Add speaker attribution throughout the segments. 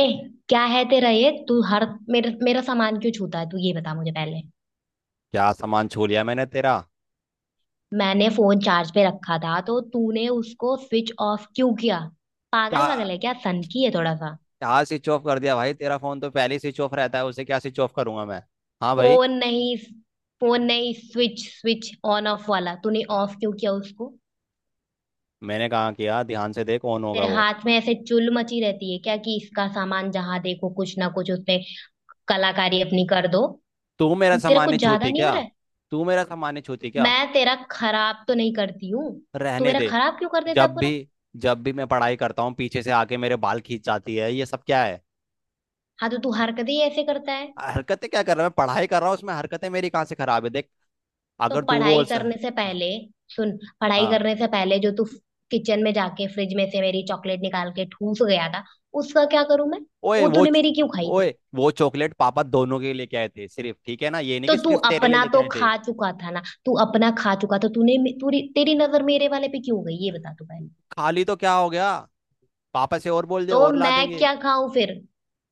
Speaker 1: ए, क्या है तेरा? ये तू हर मेरा मेरा सामान क्यों छूता है? तू ये बता मुझे पहले।
Speaker 2: क्या सामान छू लिया मैंने तेरा?
Speaker 1: मैंने फोन चार्ज पे रखा था तो तूने उसको स्विच ऑफ क्यों किया?
Speaker 2: क्या?
Speaker 1: पागल वागल है क्या? सनकी है थोड़ा सा।
Speaker 2: क्या स्विच ऑफ कर दिया भाई, तेरा फोन तो पहले ही स्विच ऑफ रहता है, उसे क्या स्विच ऑफ करूंगा मैं। हाँ भाई।
Speaker 1: फोन नहीं, फोन नहीं, स्विच, ऑन ऑफ वाला, तूने
Speaker 2: आ-
Speaker 1: ऑफ क्यों किया उसको?
Speaker 2: मैंने कहा किया, ध्यान से देख कौन होगा
Speaker 1: तेरे
Speaker 2: वो।
Speaker 1: हाथ में ऐसे चुल मची रहती है क्या, कि इसका सामान जहां देखो कुछ ना कुछ उसमें कलाकारी अपनी कर दो।
Speaker 2: तू मेरा
Speaker 1: तेरा
Speaker 2: सामान
Speaker 1: कुछ
Speaker 2: नहीं
Speaker 1: ज्यादा
Speaker 2: छूती
Speaker 1: नहीं हो
Speaker 2: क्या?
Speaker 1: रहा है?
Speaker 2: तू मेरा सामान नहीं छूती क्या?
Speaker 1: मैं तेरा खराब तो नहीं करती हूँ। तू
Speaker 2: रहने
Speaker 1: मेरा
Speaker 2: दे।
Speaker 1: खराब क्यों कर देता है
Speaker 2: जब भी
Speaker 1: पूरा?
Speaker 2: जब भी मैं पढ़ाई करता हूँ पीछे से आके मेरे बाल खींच जाती है, ये सब क्या है?
Speaker 1: हाँ तो तू हरकत ही ऐसे करता है।
Speaker 2: हरकतें क्या कर रहा है मैं, पढ़ाई कर रहा हूँ उसमें, हरकतें मेरी कहाँ से खराब है, देख।
Speaker 1: तो
Speaker 2: अगर तू
Speaker 1: पढ़ाई
Speaker 2: बोल सर।
Speaker 1: करने से पहले, सुन, पढ़ाई
Speaker 2: हाँ।
Speaker 1: करने से पहले जो तू किचन में जाके फ्रिज में से मेरी चॉकलेट निकाल के ठूस गया था, उसका क्या करूं मैं?
Speaker 2: ओए
Speaker 1: वो
Speaker 2: वो
Speaker 1: तूने
Speaker 2: च-
Speaker 1: मेरी क्यों खाई थी?
Speaker 2: ओए वो चॉकलेट पापा दोनों के लिए लेके आए थे सिर्फ, ठीक है ना, ये नहीं
Speaker 1: तो
Speaker 2: कि
Speaker 1: तू
Speaker 2: सिर्फ तेरे लिए
Speaker 1: अपना
Speaker 2: लेके
Speaker 1: तो
Speaker 2: आए थे।
Speaker 1: खा चुका था ना, तू अपना खा चुका, तो तूने मे- तूरी तेरी नजर मेरे वाले पे क्यों गई, ये बता तू पहले।
Speaker 2: खाली तो क्या हो गया? पापा से और बोल दे
Speaker 1: तो
Speaker 2: और ला
Speaker 1: मैं
Speaker 2: देंगे।
Speaker 1: क्या खाऊं फिर?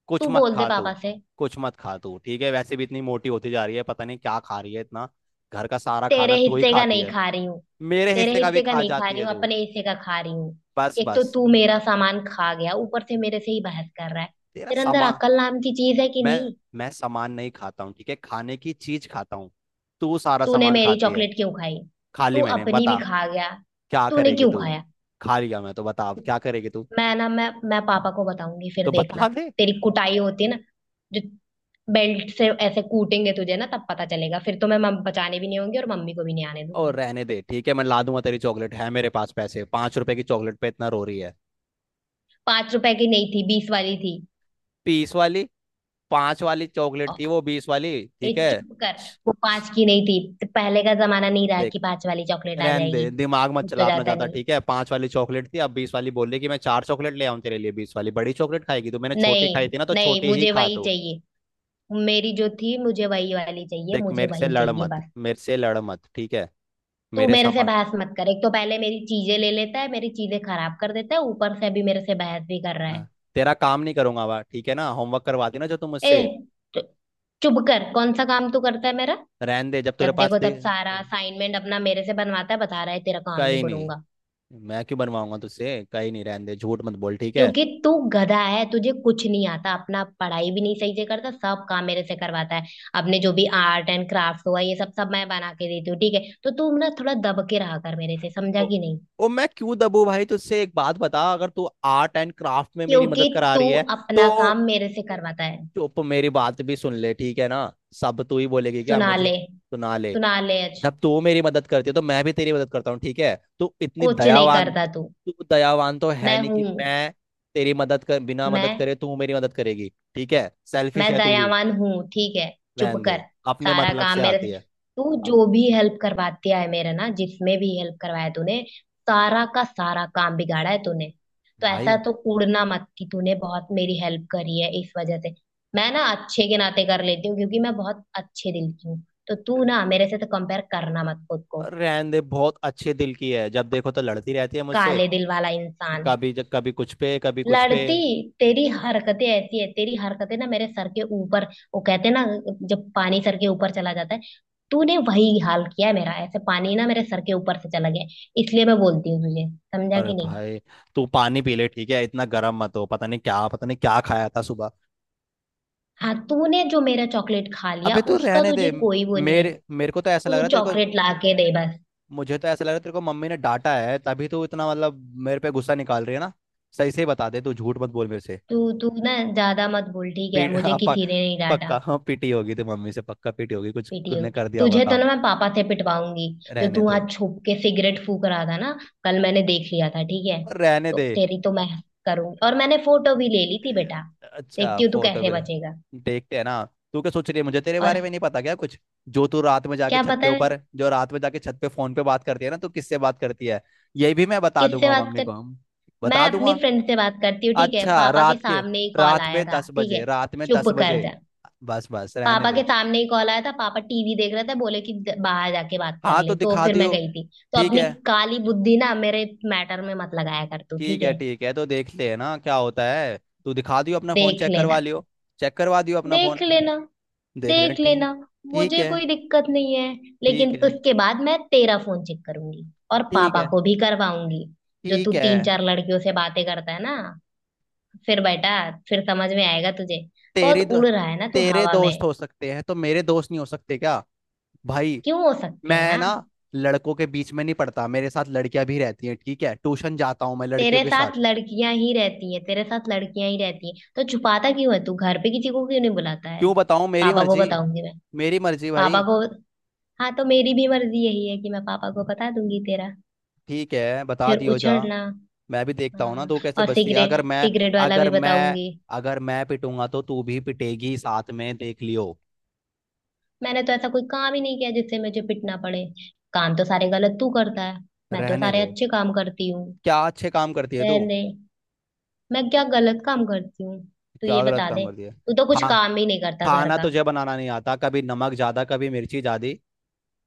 Speaker 2: कुछ
Speaker 1: तू
Speaker 2: मत
Speaker 1: बोल दे
Speaker 2: खा
Speaker 1: पापा
Speaker 2: तू।
Speaker 1: से।
Speaker 2: कुछ मत खा तू, ठीक है, वैसे भी इतनी मोटी होती जा रही है, पता नहीं क्या खा रही है इतना। घर का सारा खाना
Speaker 1: तेरे
Speaker 2: तू ही
Speaker 1: हिस्से का
Speaker 2: खाती
Speaker 1: नहीं
Speaker 2: है।
Speaker 1: खा रही हूँ।
Speaker 2: मेरे
Speaker 1: तेरे
Speaker 2: हिस्से का भी
Speaker 1: हिस्से का
Speaker 2: खा
Speaker 1: नहीं खा
Speaker 2: जाती
Speaker 1: रही
Speaker 2: है
Speaker 1: हूँ,
Speaker 2: तू।
Speaker 1: अपने हिस्से का खा रही हूँ।
Speaker 2: बस
Speaker 1: एक तो
Speaker 2: बस।
Speaker 1: तू मेरा सामान खा गया, ऊपर से मेरे से ही बहस कर रहा है।
Speaker 2: तेरा
Speaker 1: तेरे अंदर
Speaker 2: सामान।
Speaker 1: अकल नाम की चीज है कि
Speaker 2: मैं
Speaker 1: नहीं?
Speaker 2: मैं सामान नहीं खाता हूँ ठीक है, खाने की चीज खाता हूँ। तू सारा
Speaker 1: तूने
Speaker 2: सामान
Speaker 1: मेरी
Speaker 2: खाती है।
Speaker 1: चॉकलेट क्यों खाई?
Speaker 2: खा ली
Speaker 1: तू
Speaker 2: मैंने,
Speaker 1: अपनी भी
Speaker 2: बता
Speaker 1: खा गया,
Speaker 2: क्या
Speaker 1: तूने
Speaker 2: करेगी
Speaker 1: क्यों
Speaker 2: तू।
Speaker 1: खाया?
Speaker 2: खा लिया मैं तो बता, अब क्या करेगी तू।
Speaker 1: मैं ना, मैं पापा को बताऊंगी, फिर
Speaker 2: तो
Speaker 1: देखना।
Speaker 2: बता दे।
Speaker 1: तेरी कुटाई होती है ना, जो बेल्ट से ऐसे कूटेंगे तुझे ना, तब पता चलेगा। फिर तो मैं मम बचाने भी नहीं होंगी और मम्मी को भी नहीं आने
Speaker 2: और
Speaker 1: दूंगी।
Speaker 2: रहने दे, ठीक है, मैं ला दूंगा तेरी चॉकलेट, है मेरे पास पैसे, 5 रुपए की चॉकलेट पे इतना रो रही है।
Speaker 1: 5 रुपए की नहीं थी, 20 वाली थी।
Speaker 2: पीस वाली। पांच वाली चॉकलेट थी वो, 20 वाली?
Speaker 1: ए,
Speaker 2: ठीक है।
Speaker 1: चुप कर। वो पांच की नहीं थी। तो पहले का जमाना नहीं रहा
Speaker 2: देख,
Speaker 1: कि पांच वाली चॉकलेट आ
Speaker 2: रहने
Speaker 1: जाएगी।
Speaker 2: दे, दिमाग मत
Speaker 1: मुझ तो
Speaker 2: चला अपना
Speaker 1: जाता
Speaker 2: ज्यादा,
Speaker 1: नहीं।
Speaker 2: ठीक है, पांच वाली चॉकलेट थी अब 20 वाली बोल रही, कि मैं चार चॉकलेट ले आऊं तेरे लिए 20 वाली बड़ी चॉकलेट खाएगी तो, मैंने छोटी खाई
Speaker 1: नहीं
Speaker 2: थी ना तो
Speaker 1: नहीं,
Speaker 2: छोटी ही
Speaker 1: मुझे
Speaker 2: खा
Speaker 1: वही
Speaker 2: तो।
Speaker 1: चाहिए। मेरी जो थी, मुझे वही वाली चाहिए,
Speaker 2: देख,
Speaker 1: मुझे
Speaker 2: मेरे से
Speaker 1: वही
Speaker 2: लड़
Speaker 1: चाहिए
Speaker 2: मत।
Speaker 1: बस।
Speaker 2: मेरे से लड़ मत, ठीक है।
Speaker 1: तू
Speaker 2: मेरे
Speaker 1: मेरे से
Speaker 2: सामान।
Speaker 1: बहस मत कर। एक तो पहले मेरी चीजें ले लेता है, मेरी चीजें खराब कर देता है, ऊपर से अभी मेरे से बहस भी कर रहा है।
Speaker 2: हाँ। तेरा काम नहीं करूंगा बा, ठीक है ना, होमवर्क करवा देना जो तुम
Speaker 1: ए,
Speaker 2: मुझसे।
Speaker 1: तो चुप कर। कौन सा काम तू करता है मेरा?
Speaker 2: रहने दे जब तेरे
Speaker 1: जब
Speaker 2: पास
Speaker 1: देखो
Speaker 2: दे।
Speaker 1: तब सारा असाइनमेंट अपना मेरे से बनवाता है, बता रहा है तेरा काम नहीं
Speaker 2: कहीं नहीं।
Speaker 1: करूंगा।
Speaker 2: मैं क्यों बनवाऊंगा तुझसे, कहीं नहीं, रहने दे, झूठ मत बोल ठीक है।
Speaker 1: क्योंकि तू गधा है, तुझे कुछ नहीं आता, अपना पढ़ाई भी नहीं सही से करता, सब काम मेरे से करवाता है। अपने जो भी आर्ट एंड क्राफ्ट हुआ, ये सब सब मैं बना के देती हूँ, ठीक है। तो तू ना थोड़ा दब के रहा कर मेरे से, समझा
Speaker 2: ओ,
Speaker 1: कि नहीं?
Speaker 2: ओ मैं क्यों दबू भाई तुझसे, एक बात बता, अगर तू आर्ट एंड क्राफ्ट में मेरी
Speaker 1: क्योंकि
Speaker 2: मदद करा
Speaker 1: तू
Speaker 2: रही है तो,
Speaker 1: अपना काम मेरे से करवाता है।
Speaker 2: चुप, मेरी बात भी सुन ले ठीक है ना। सब तू ही बोलेगी क्या,
Speaker 1: सुना
Speaker 2: मुझे
Speaker 1: ले,
Speaker 2: सुना ले।
Speaker 1: सुना ले आज।
Speaker 2: जब तू मेरी मदद करती है तो मैं भी तेरी मदद करता हूँ ठीक है। तू इतनी
Speaker 1: कुछ नहीं
Speaker 2: दयावान।
Speaker 1: करता तू।
Speaker 2: तू दयावान तो है
Speaker 1: मैं
Speaker 2: नहीं, कि
Speaker 1: हूं।
Speaker 2: मैं तेरी मदद कर, बिना मदद
Speaker 1: मैं
Speaker 2: करे तू मेरी मदद करेगी? ठीक है, सेल्फिश
Speaker 1: मैं
Speaker 2: है तू भी।
Speaker 1: दयावान हूँ, ठीक है। चुप
Speaker 2: रहने
Speaker 1: कर।
Speaker 2: दे, अपने
Speaker 1: सारा
Speaker 2: मतलब
Speaker 1: काम
Speaker 2: से
Speaker 1: मेरे से।
Speaker 2: आती है।
Speaker 1: तू
Speaker 2: आ,
Speaker 1: जो भी हेल्प करवाती है मेरा ना, जिसमें भी हेल्प करवाया तूने, सारा का सारा काम बिगाड़ा है तूने। तो ऐसा
Speaker 2: भाई।
Speaker 1: तो कूड़ना मत कि तूने बहुत मेरी हेल्प करी है। इस वजह से मैं ना अच्छे के नाते कर लेती हूँ, क्योंकि मैं बहुत अच्छे दिल की हूँ। तो तू ना मेरे से तो कंपेयर करना मत खुद को,
Speaker 2: रहन दे, बहुत अच्छे दिल की है, जब देखो तो लड़ती रहती है मुझसे,
Speaker 1: काले दिल वाला इंसान।
Speaker 2: कभी जब कभी कुछ पे कभी कुछ पे।
Speaker 1: लड़ती, तेरी हरकतें ऐसी है। तेरी हरकतें ना मेरे सर के ऊपर, वो कहते हैं ना, जब पानी सर के ऊपर चला जाता है, तूने वही हाल किया है मेरा। ऐसे पानी ना मेरे सर के ऊपर से चला गया है, इसलिए मैं बोलती हूँ तुझे। समझा
Speaker 2: अरे
Speaker 1: कि नहीं?
Speaker 2: भाई, तू पानी पी ले ठीक है, इतना गर्म मत हो, पता नहीं क्या खाया था सुबह।
Speaker 1: हाँ, तूने जो मेरा चॉकलेट खा लिया
Speaker 2: अबे तू
Speaker 1: उसका
Speaker 2: रहने दे।
Speaker 1: तुझे कोई वो नहीं है।
Speaker 2: मेरे मेरे को तो ऐसा लग
Speaker 1: तू
Speaker 2: रहा है तेरे को,
Speaker 1: चॉकलेट ला के दे बस।
Speaker 2: मुझे तो ऐसा लग रहा है तेरे को मम्मी ने डांटा है, तभी तू इतना मतलब मेरे पे गुस्सा निकाल रही है ना। सही से ही बता दे तू, झूठ मत बोल मेरे से।
Speaker 1: तू तू ना ज्यादा मत बोल, ठीक है। मुझे
Speaker 2: अब
Speaker 1: किसी ने नहीं डांटा।
Speaker 2: पक्का, हाँ, पीटी होगी तो मम्मी से पक्का, पीटी होगी, कुछ
Speaker 1: पीटी
Speaker 2: तूने
Speaker 1: होगी
Speaker 2: कर दिया होगा
Speaker 1: तुझे तो ना,
Speaker 2: काम।
Speaker 1: मैं पापा से पिटवाऊंगी। जो
Speaker 2: रहने
Speaker 1: तू
Speaker 2: दे,
Speaker 1: आज छुप के सिगरेट फूक रहा था ना, कल मैंने देख लिया था, ठीक है।
Speaker 2: और रहने
Speaker 1: तो
Speaker 2: दे।
Speaker 1: तेरी तो मैं करूंगी, और मैंने फोटो भी ले ली थी
Speaker 2: ए,
Speaker 1: बेटा।
Speaker 2: अच्छा,
Speaker 1: देखती हूँ तू
Speaker 2: फोटो
Speaker 1: कैसे
Speaker 2: भी?
Speaker 1: बचेगा।
Speaker 2: देखते हैं ना, तू क्या सोच रही है, मुझे तेरे
Speaker 1: और
Speaker 2: बारे में नहीं पता क्या कुछ।
Speaker 1: क्या पता है?
Speaker 2: जो रात में जाके छत पे फोन पे बात करती है ना, तू किससे बात करती है? ये भी मैं बता
Speaker 1: किससे
Speaker 2: दूंगा
Speaker 1: बात
Speaker 2: मम्मी
Speaker 1: कर,
Speaker 2: को, हम
Speaker 1: मैं
Speaker 2: बता
Speaker 1: अपनी
Speaker 2: दूंगा।
Speaker 1: फ्रेंड से बात करती हूँ, ठीक है।
Speaker 2: अच्छा,
Speaker 1: पापा के
Speaker 2: रात के,
Speaker 1: सामने ही कॉल
Speaker 2: रात
Speaker 1: आया
Speaker 2: में
Speaker 1: था,
Speaker 2: दस
Speaker 1: ठीक
Speaker 2: बजे
Speaker 1: है।
Speaker 2: रात में
Speaker 1: चुप
Speaker 2: दस
Speaker 1: कर
Speaker 2: बजे
Speaker 1: जा।
Speaker 2: बस बस, रहने
Speaker 1: पापा के
Speaker 2: दे।
Speaker 1: सामने ही कॉल आया था, पापा टीवी देख रहे थे, बोले कि बाहर जाके बात कर
Speaker 2: हाँ तो
Speaker 1: ले, तो
Speaker 2: दिखा
Speaker 1: फिर मैं
Speaker 2: दियो
Speaker 1: गई थी। तो
Speaker 2: ठीक
Speaker 1: अपनी
Speaker 2: है।
Speaker 1: काली बुद्धि ना मेरे मैटर में मत लगाया कर तू,
Speaker 2: ठीक
Speaker 1: ठीक
Speaker 2: है
Speaker 1: है।
Speaker 2: ठीक है, तो देखते हैं ना क्या होता है। तू दिखा दियो अपना फोन,
Speaker 1: देख
Speaker 2: चेक करवा
Speaker 1: लेना।
Speaker 2: लियो। चेक करवा दियो अपना
Speaker 1: देख
Speaker 2: फोन,
Speaker 1: लेना।
Speaker 2: देख लें,
Speaker 1: देख
Speaker 2: ठीक।
Speaker 1: लेना।
Speaker 2: ठीक
Speaker 1: मुझे
Speaker 2: है
Speaker 1: कोई दिक्कत नहीं है, लेकिन
Speaker 2: ठीक है
Speaker 1: उसके बाद मैं तेरा फोन चेक करूंगी और
Speaker 2: ठीक
Speaker 1: पापा
Speaker 2: है
Speaker 1: को भी करवाऊंगी। जो तू
Speaker 2: ठीक है।
Speaker 1: तीन चार लड़कियों से बातें करता है ना, फिर बेटा, फिर समझ में आएगा तुझे। बहुत
Speaker 2: तेरे दो,
Speaker 1: उड़ रहा है ना तू
Speaker 2: तेरे
Speaker 1: हवा में।
Speaker 2: दोस्त हो सकते हैं तो मेरे दोस्त नहीं हो सकते क्या? भाई।
Speaker 1: क्यों हो सकते हैं,
Speaker 2: मैं
Speaker 1: यार?
Speaker 2: ना लड़कों के बीच में नहीं पढ़ता, मेरे साथ लड़कियां भी रहती हैं ठीक है, ट्यूशन जाता हूँ मैं लड़कियों
Speaker 1: तेरे
Speaker 2: के साथ।
Speaker 1: साथ लड़कियां ही रहती है, तेरे साथ लड़कियां ही रहती है, तो छुपाता क्यों है तू? घर पे किसी को क्यों नहीं बुलाता है?
Speaker 2: क्यों बताऊँ, मेरी
Speaker 1: पापा को
Speaker 2: मर्जी।
Speaker 1: बताऊंगी मैं,
Speaker 2: मेरी मर्जी
Speaker 1: पापा
Speaker 2: भाई।
Speaker 1: को। हाँ, तो मेरी भी मर्जी यही है कि मैं पापा को बता दूंगी तेरा।
Speaker 2: ठीक है, बता
Speaker 1: फिर
Speaker 2: दियो जा।
Speaker 1: उछड़ना।
Speaker 2: मैं भी देखता हूँ ना
Speaker 1: हाँ,
Speaker 2: तू कैसे
Speaker 1: और
Speaker 2: बचती है।
Speaker 1: सिगरेट, सिगरेट वाला
Speaker 2: अगर
Speaker 1: भी
Speaker 2: मैं
Speaker 1: बताऊंगी।
Speaker 2: अगर मैं पिटूंगा तो तू भी पिटेगी साथ में, देख लियो।
Speaker 1: मैंने तो ऐसा कोई काम ही नहीं किया जिससे मुझे पिटना पड़े। काम तो सारे गलत तू करता है, मैं तो
Speaker 2: रहने
Speaker 1: सारे
Speaker 2: दे।
Speaker 1: अच्छे काम करती हूँ।
Speaker 2: क्या अच्छे काम करती है तू?
Speaker 1: रहने, मैं क्या गलत काम करती हूँ? तू
Speaker 2: क्या
Speaker 1: ये
Speaker 2: गलत
Speaker 1: बता
Speaker 2: काम
Speaker 1: दे।
Speaker 2: करती है?
Speaker 1: तू तो कुछ
Speaker 2: हाँ,
Speaker 1: काम ही नहीं करता घर
Speaker 2: खाना
Speaker 1: का।
Speaker 2: तुझे बनाना नहीं आता, कभी नमक ज्यादा, कभी मिर्ची ज्यादा।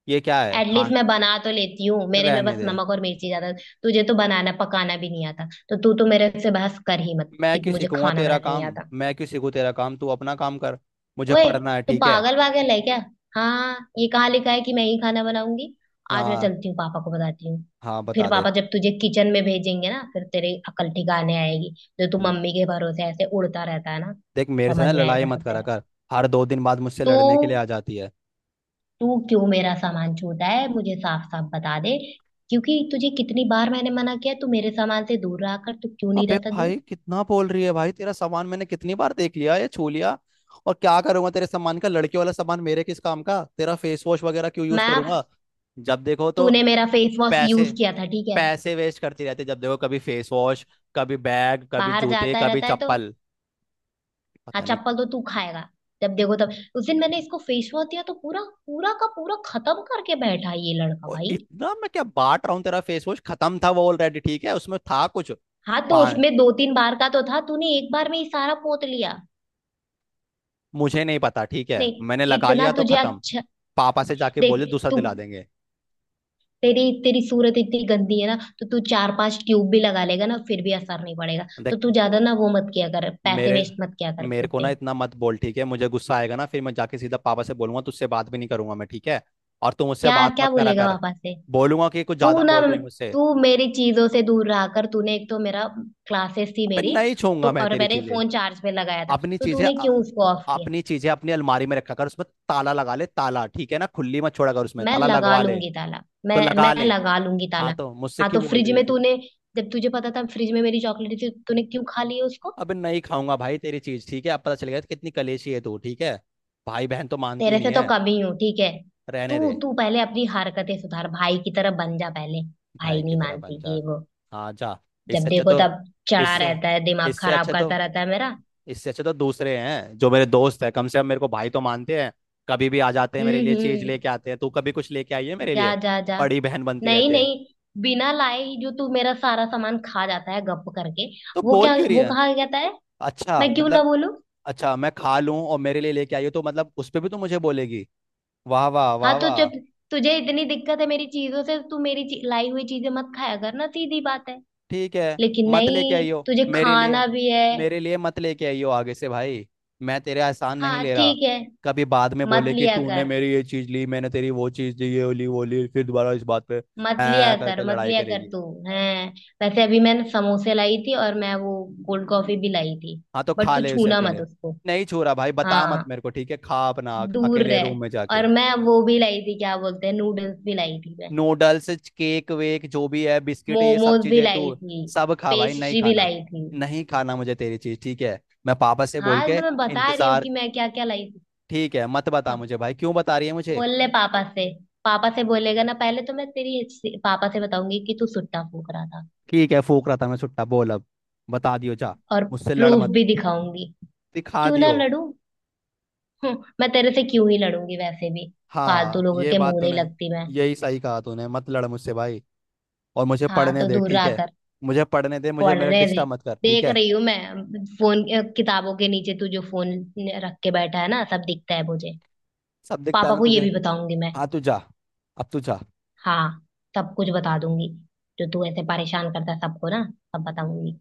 Speaker 2: ये क्या है, खा।
Speaker 1: एटलीस्ट मैं बना तो लेती हूँ, मेरे में
Speaker 2: रहने
Speaker 1: बस
Speaker 2: दे।
Speaker 1: नमक और मिर्ची ज्यादा। तुझे तो बनाना पकाना भी नहीं आता, तो तू तो मेरे से बहस कर ही मत
Speaker 2: मैं
Speaker 1: कि
Speaker 2: क्यों
Speaker 1: मुझे
Speaker 2: सीखूंगा
Speaker 1: खाना
Speaker 2: तेरा
Speaker 1: बनाना नहीं
Speaker 2: काम
Speaker 1: आता।
Speaker 2: मैं क्यों सीखूं तेरा काम, तू अपना काम कर। मुझे
Speaker 1: ओए,
Speaker 2: पढ़ना है
Speaker 1: तू
Speaker 2: ठीक है।
Speaker 1: पागल वागल है क्या? हाँ, ये कहाँ लिखा है कि मैं ही खाना बनाऊंगी? आज मैं
Speaker 2: हाँ
Speaker 1: चलती हूँ, पापा को बताती हूँ।
Speaker 2: हाँ,
Speaker 1: फिर
Speaker 2: बता दे।
Speaker 1: पापा जब तुझे किचन में भेजेंगे ना, फिर तेरी अकल ठिकाने आएगी। जो तू
Speaker 2: हम्म,
Speaker 1: मम्मी के भरोसे ऐसे उड़ता रहता है ना,
Speaker 2: देख, मेरे से ना
Speaker 1: समझ में
Speaker 2: लड़ाई
Speaker 1: आएगा सब
Speaker 2: मत करा
Speaker 1: तेरा।
Speaker 2: कर। हर 2 दिन बाद मुझसे
Speaker 1: तू
Speaker 2: लड़ने के लिए आ जाती है।
Speaker 1: तू क्यों मेरा सामान छूता है? मुझे साफ साफ बता दे। क्योंकि तुझे कितनी बार मैंने मना किया तू मेरे सामान से दूर रहा कर, तू क्यों नहीं
Speaker 2: अबे
Speaker 1: रहता
Speaker 2: भाई
Speaker 1: दूर?
Speaker 2: कितना बोल रही है भाई, तेरा सामान मैंने कितनी बार देख लिया या छू लिया? और क्या करूंगा तेरे सामान का, लड़के वाला सामान मेरे किस काम का, तेरा फेस वॉश वगैरह क्यों यूज
Speaker 1: मैं,
Speaker 2: करूंगा? जब देखो तो
Speaker 1: तूने मेरा फेस वॉश
Speaker 2: पैसे
Speaker 1: यूज किया था, ठीक है।
Speaker 2: पैसे वेस्ट करती रहती है, जब देखो कभी फेस वॉश, कभी बैग, कभी
Speaker 1: बाहर
Speaker 2: जूते,
Speaker 1: जाता
Speaker 2: कभी
Speaker 1: रहता है तो।
Speaker 2: चप्पल,
Speaker 1: हाँ,
Speaker 2: पता नहीं।
Speaker 1: चप्पल तो तू खाएगा। जब देखो तब। उस दिन मैंने इसको फेस वॉश दिया तो पूरा, पूरा का पूरा खत्म करके बैठा ये लड़का
Speaker 2: और
Speaker 1: भाई।
Speaker 2: इतना मैं क्या बांट रहा हूँ, तेरा फेस वॉश खत्म था वो ऑलरेडी ठीक है, उसमें था कुछ।
Speaker 1: हाँ, तो
Speaker 2: पा
Speaker 1: उसमें दो तीन बार का तो था, तूने एक बार में ही सारा पोत लिया।
Speaker 2: मुझे नहीं पता ठीक है,
Speaker 1: नहीं,
Speaker 2: मैंने लगा
Speaker 1: इतना
Speaker 2: लिया तो
Speaker 1: तुझे
Speaker 2: खत्म।
Speaker 1: अच्छा।
Speaker 2: पापा से जाके
Speaker 1: देख
Speaker 2: बोले दूसरा
Speaker 1: तू,
Speaker 2: दिला देंगे।
Speaker 1: तेरी तेरी सूरत इतनी गंदी है ना, तो तू चार पांच ट्यूब भी लगा लेगा ना, फिर भी असर नहीं पड़ेगा। तो
Speaker 2: देख,
Speaker 1: तू ज्यादा ना वो मत किया कर, पैसे
Speaker 2: मेरे
Speaker 1: वेस्ट मत किया कर
Speaker 2: मेरे
Speaker 1: खुद
Speaker 2: को ना
Speaker 1: पे।
Speaker 2: इतना मत बोल ठीक है, मुझे गुस्सा आएगा ना, फिर मैं जाके सीधा पापा से बोलूंगा, तुझसे बात भी नहीं करूंगा मैं ठीक है। और तुम मुझसे
Speaker 1: क्या
Speaker 2: बात
Speaker 1: क्या
Speaker 2: मत करा
Speaker 1: बोलेगा
Speaker 2: कर।
Speaker 1: पापा से?
Speaker 2: बोलूंगा कि कुछ
Speaker 1: तू
Speaker 2: ज्यादा
Speaker 1: ना,
Speaker 2: बोल रहे हैं मुझसे।
Speaker 1: तू मेरी चीजों से दूर रहा कर। तूने एक तो मेरा, क्लासेस थी
Speaker 2: अबे
Speaker 1: मेरी,
Speaker 2: नहीं
Speaker 1: तो,
Speaker 2: छूंगा मैं
Speaker 1: और
Speaker 2: तेरी
Speaker 1: मैंने
Speaker 2: चीजें।
Speaker 1: फोन चार्ज पे लगाया था,
Speaker 2: अपनी
Speaker 1: तो
Speaker 2: चीजें
Speaker 1: तूने
Speaker 2: अ-
Speaker 1: क्यों उसको ऑफ किया?
Speaker 2: अपनी चीजें अपनी अलमारी में रखा कर, उसमें ताला लगा ले ताला, ठीक है ना, खुली मत छोड़ा कर, उसमें
Speaker 1: मैं
Speaker 2: ताला
Speaker 1: लगा
Speaker 2: लगवा ले।
Speaker 1: लूंगी ताला,
Speaker 2: तो
Speaker 1: मैं
Speaker 2: लगा
Speaker 1: मैं
Speaker 2: ले।
Speaker 1: लगा लूंगी
Speaker 2: हाँ,
Speaker 1: ताला।
Speaker 2: तो मुझसे
Speaker 1: हाँ, तो
Speaker 2: क्यों बोल
Speaker 1: फ्रिज
Speaker 2: रही है
Speaker 1: में
Speaker 2: फिर?
Speaker 1: तूने, जब तुझे पता था फ्रिज में मेरी चॉकलेट थी, तो तूने क्यों खा ली है उसको?
Speaker 2: अबे नहीं खाऊंगा भाई तेरी चीज ठीक है, अब पता चल गया कितनी कलेशी है तू, ठीक है। भाई बहन तो मानती ही
Speaker 1: तेरे
Speaker 2: नहीं
Speaker 1: से तो
Speaker 2: है।
Speaker 1: कम ही हूँ, ठीक है।
Speaker 2: रहने
Speaker 1: तू
Speaker 2: दे।
Speaker 1: तू पहले अपनी हरकतें सुधार, भाई की तरह बन जा पहले,
Speaker 2: भाई
Speaker 1: भाई
Speaker 2: की
Speaker 1: नहीं
Speaker 2: तरह बन
Speaker 1: मानती
Speaker 2: जा,
Speaker 1: ये वो।
Speaker 2: हाँ जा।
Speaker 1: जब
Speaker 2: इससे अच्छा
Speaker 1: देखो
Speaker 2: तो
Speaker 1: तब चढ़ा
Speaker 2: इससे
Speaker 1: रहता है, दिमाग
Speaker 2: इससे
Speaker 1: खराब
Speaker 2: अच्छा तो
Speaker 1: करता रहता है मेरा।
Speaker 2: इससे अच्छा तो दूसरे हैं जो मेरे दोस्त हैं, कम से कम मेरे को भाई तो मानते हैं, कभी भी आ जाते हैं मेरे लिए चीज लेके
Speaker 1: हम्म।
Speaker 2: आते हैं, तू कभी कुछ लेके आई है मेरे लिए?
Speaker 1: जा जा जा।
Speaker 2: बड़ी बहन बनती
Speaker 1: नहीं
Speaker 2: रहते हैं।
Speaker 1: नहीं, बिना लाए ही जो तू मेरा सारा सामान खा जाता है गप करके,
Speaker 2: तो
Speaker 1: वो
Speaker 2: बोल
Speaker 1: क्या
Speaker 2: क्यों रही
Speaker 1: वो
Speaker 2: है?
Speaker 1: कहा जाता है।
Speaker 2: अच्छा
Speaker 1: मैं क्यों ना
Speaker 2: मतलब,
Speaker 1: बोलूं?
Speaker 2: अच्छा, मैं खा लूं और मेरे लिए लेके आई हो तो मतलब उस पे भी तो मुझे बोलेगी? वाह वाह
Speaker 1: हाँ,
Speaker 2: वाह
Speaker 1: तो
Speaker 2: वाह।
Speaker 1: जब तुझे इतनी दिक्कत है मेरी चीजों से, तू मेरी लाई हुई चीजें मत खाया कर ना, सीधी बात है।
Speaker 2: ठीक है,
Speaker 1: लेकिन
Speaker 2: मत लेके
Speaker 1: नहीं,
Speaker 2: आई हो
Speaker 1: तुझे
Speaker 2: मेरे लिए
Speaker 1: खाना भी है।
Speaker 2: मेरे लिए मत लेके आई हो आगे से भाई, मैं तेरे एहसान नहीं
Speaker 1: हाँ
Speaker 2: ले रहा।
Speaker 1: ठीक है।
Speaker 2: कभी बाद में
Speaker 1: मत
Speaker 2: बोले कि
Speaker 1: लिया
Speaker 2: तूने
Speaker 1: कर,
Speaker 2: मेरी ये चीज ली, मैंने तेरी वो चीज दी, ये ली वो ली, फिर दोबारा इस बात पे
Speaker 1: मत
Speaker 2: ऐ
Speaker 1: लिया
Speaker 2: करके
Speaker 1: कर, मत
Speaker 2: लड़ाई
Speaker 1: लिया कर
Speaker 2: करेगी।
Speaker 1: तू। है, वैसे अभी मैंने समोसे लाई थी, और मैं वो कोल्ड कॉफी भी लाई थी।
Speaker 2: हाँ तो
Speaker 1: बट
Speaker 2: खा
Speaker 1: तू
Speaker 2: ले उसे
Speaker 1: छूना
Speaker 2: अकेले
Speaker 1: मत उसको।
Speaker 2: नहीं छू रहा भाई, बता मत
Speaker 1: हाँ,
Speaker 2: मेरे को ठीक है, खा अपना
Speaker 1: दूर
Speaker 2: अकेले
Speaker 1: रहे।
Speaker 2: रूम में जाके।
Speaker 1: और मैं वो भी लाई थी, क्या बोलते हैं, नूडल्स भी लाई थी मैं।
Speaker 2: नूडल्स, केक वेक जो भी है, बिस्किट, ये सब
Speaker 1: मोमोज भी
Speaker 2: चीजें तू
Speaker 1: लाई थी।
Speaker 2: सब खा भाई, नहीं
Speaker 1: पेस्ट्री भी
Speaker 2: खाना।
Speaker 1: लाई थी।
Speaker 2: नहीं खाना मुझे तेरी चीज ठीक है। मैं पापा से बोल
Speaker 1: हाँ
Speaker 2: के
Speaker 1: तो मैं बता रही हूँ
Speaker 2: इंतजार।
Speaker 1: कि मैं क्या क्या लाई थी।
Speaker 2: ठीक है, मत बता
Speaker 1: हाँ,
Speaker 2: मुझे भाई, क्यों बता रही है मुझे?
Speaker 1: बोल ले पापा से। पापा से बोलेगा ना, पहले तो मैं पापा से बताऊंगी कि तू सुट्टा फूंक रहा था,
Speaker 2: ठीक है, फूक रहा था मैं सुट्टा, बोल अब। बता दियो जा।
Speaker 1: और
Speaker 2: मुझसे लड़
Speaker 1: प्रूफ
Speaker 2: मत।
Speaker 1: भी दिखाऊंगी।
Speaker 2: दिखा
Speaker 1: क्यों ना
Speaker 2: दियो।
Speaker 1: लड़ू? मैं तेरे से क्यों ही लड़ूंगी? वैसे भी फालतू
Speaker 2: हाँ,
Speaker 1: लोगों
Speaker 2: ये
Speaker 1: के
Speaker 2: बात
Speaker 1: मुंह नहीं
Speaker 2: तूने
Speaker 1: लगती मैं।
Speaker 2: यही सही कहा, तूने मत लड़ मुझसे भाई। और मुझे
Speaker 1: हाँ,
Speaker 2: पढ़ने
Speaker 1: तो
Speaker 2: दे
Speaker 1: दूर
Speaker 2: ठीक
Speaker 1: रहा
Speaker 2: है।
Speaker 1: कर।
Speaker 2: मुझे पढ़ने दे, मुझे
Speaker 1: पढ़
Speaker 2: मेरा
Speaker 1: रहे थे?
Speaker 2: डिस्टर्ब मत कर ठीक
Speaker 1: देख
Speaker 2: है।
Speaker 1: रही हूँ मैं फोन, किताबों के नीचे तू जो फोन रख के बैठा है ना, सब दिखता है मुझे।
Speaker 2: सब दिखता है
Speaker 1: पापा
Speaker 2: ना
Speaker 1: को ये
Speaker 2: तुझे?
Speaker 1: भी बताऊंगी मैं।
Speaker 2: हाँ तू जा, अब तू जा।
Speaker 1: हाँ, सब कुछ बता दूंगी। जो तू ऐसे परेशान करता है सबको ना, सब बताऊंगी।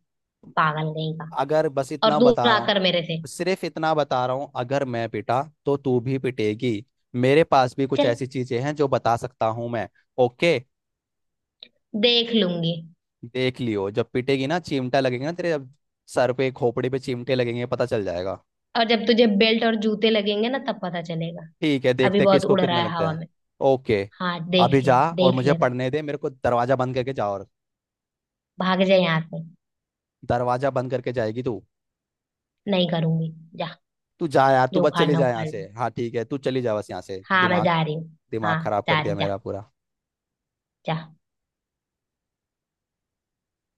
Speaker 1: पागल कहीं का।
Speaker 2: अगर बस
Speaker 1: और
Speaker 2: इतना
Speaker 1: दूर
Speaker 2: बता रहा हूँ,
Speaker 1: आकर मेरे से।
Speaker 2: सिर्फ इतना बता रहा हूँ, अगर मैं पिटा तो तू भी पिटेगी, मेरे पास भी कुछ
Speaker 1: चल,
Speaker 2: ऐसी चीजें हैं जो बता सकता हूँ मैं। ओके।
Speaker 1: देख लूंगी।
Speaker 2: देख लियो, जब पिटेगी ना चिमटा लगेगा ना तेरे, जब सर पे खोपड़ी पे चिमटे लगेंगे, पता चल जाएगा।
Speaker 1: और जब तुझे बेल्ट और जूते लगेंगे ना, तब पता चलेगा।
Speaker 2: ठीक है,
Speaker 1: अभी
Speaker 2: देखते हैं
Speaker 1: बहुत
Speaker 2: किसको
Speaker 1: उड़
Speaker 2: कितना
Speaker 1: रहा है
Speaker 2: लगता
Speaker 1: हवा
Speaker 2: है।
Speaker 1: में।
Speaker 2: ओके।
Speaker 1: हाँ, देख
Speaker 2: अभी
Speaker 1: ले।
Speaker 2: जा और
Speaker 1: देख
Speaker 2: मुझे
Speaker 1: लेना।
Speaker 2: पढ़ने दे, मेरे को दरवाजा बंद करके जा, और
Speaker 1: भाग जाए यहाँ से।
Speaker 2: दरवाजा बंद करके जाएगी तू?
Speaker 1: नहीं करूंगी। जा,
Speaker 2: तू जा यार, तू
Speaker 1: जो
Speaker 2: बस चली
Speaker 1: उखाड़ना
Speaker 2: जा यहाँ
Speaker 1: उखाड़
Speaker 2: से,
Speaker 1: ले।
Speaker 2: हाँ ठीक है, तू चली जा बस यहाँ से,
Speaker 1: हाँ, मैं
Speaker 2: दिमाग
Speaker 1: जा रही हूँ।
Speaker 2: दिमाग
Speaker 1: हाँ,
Speaker 2: खराब
Speaker 1: जा
Speaker 2: कर
Speaker 1: रही,
Speaker 2: दिया
Speaker 1: जा।
Speaker 2: मेरा पूरा।
Speaker 1: जा।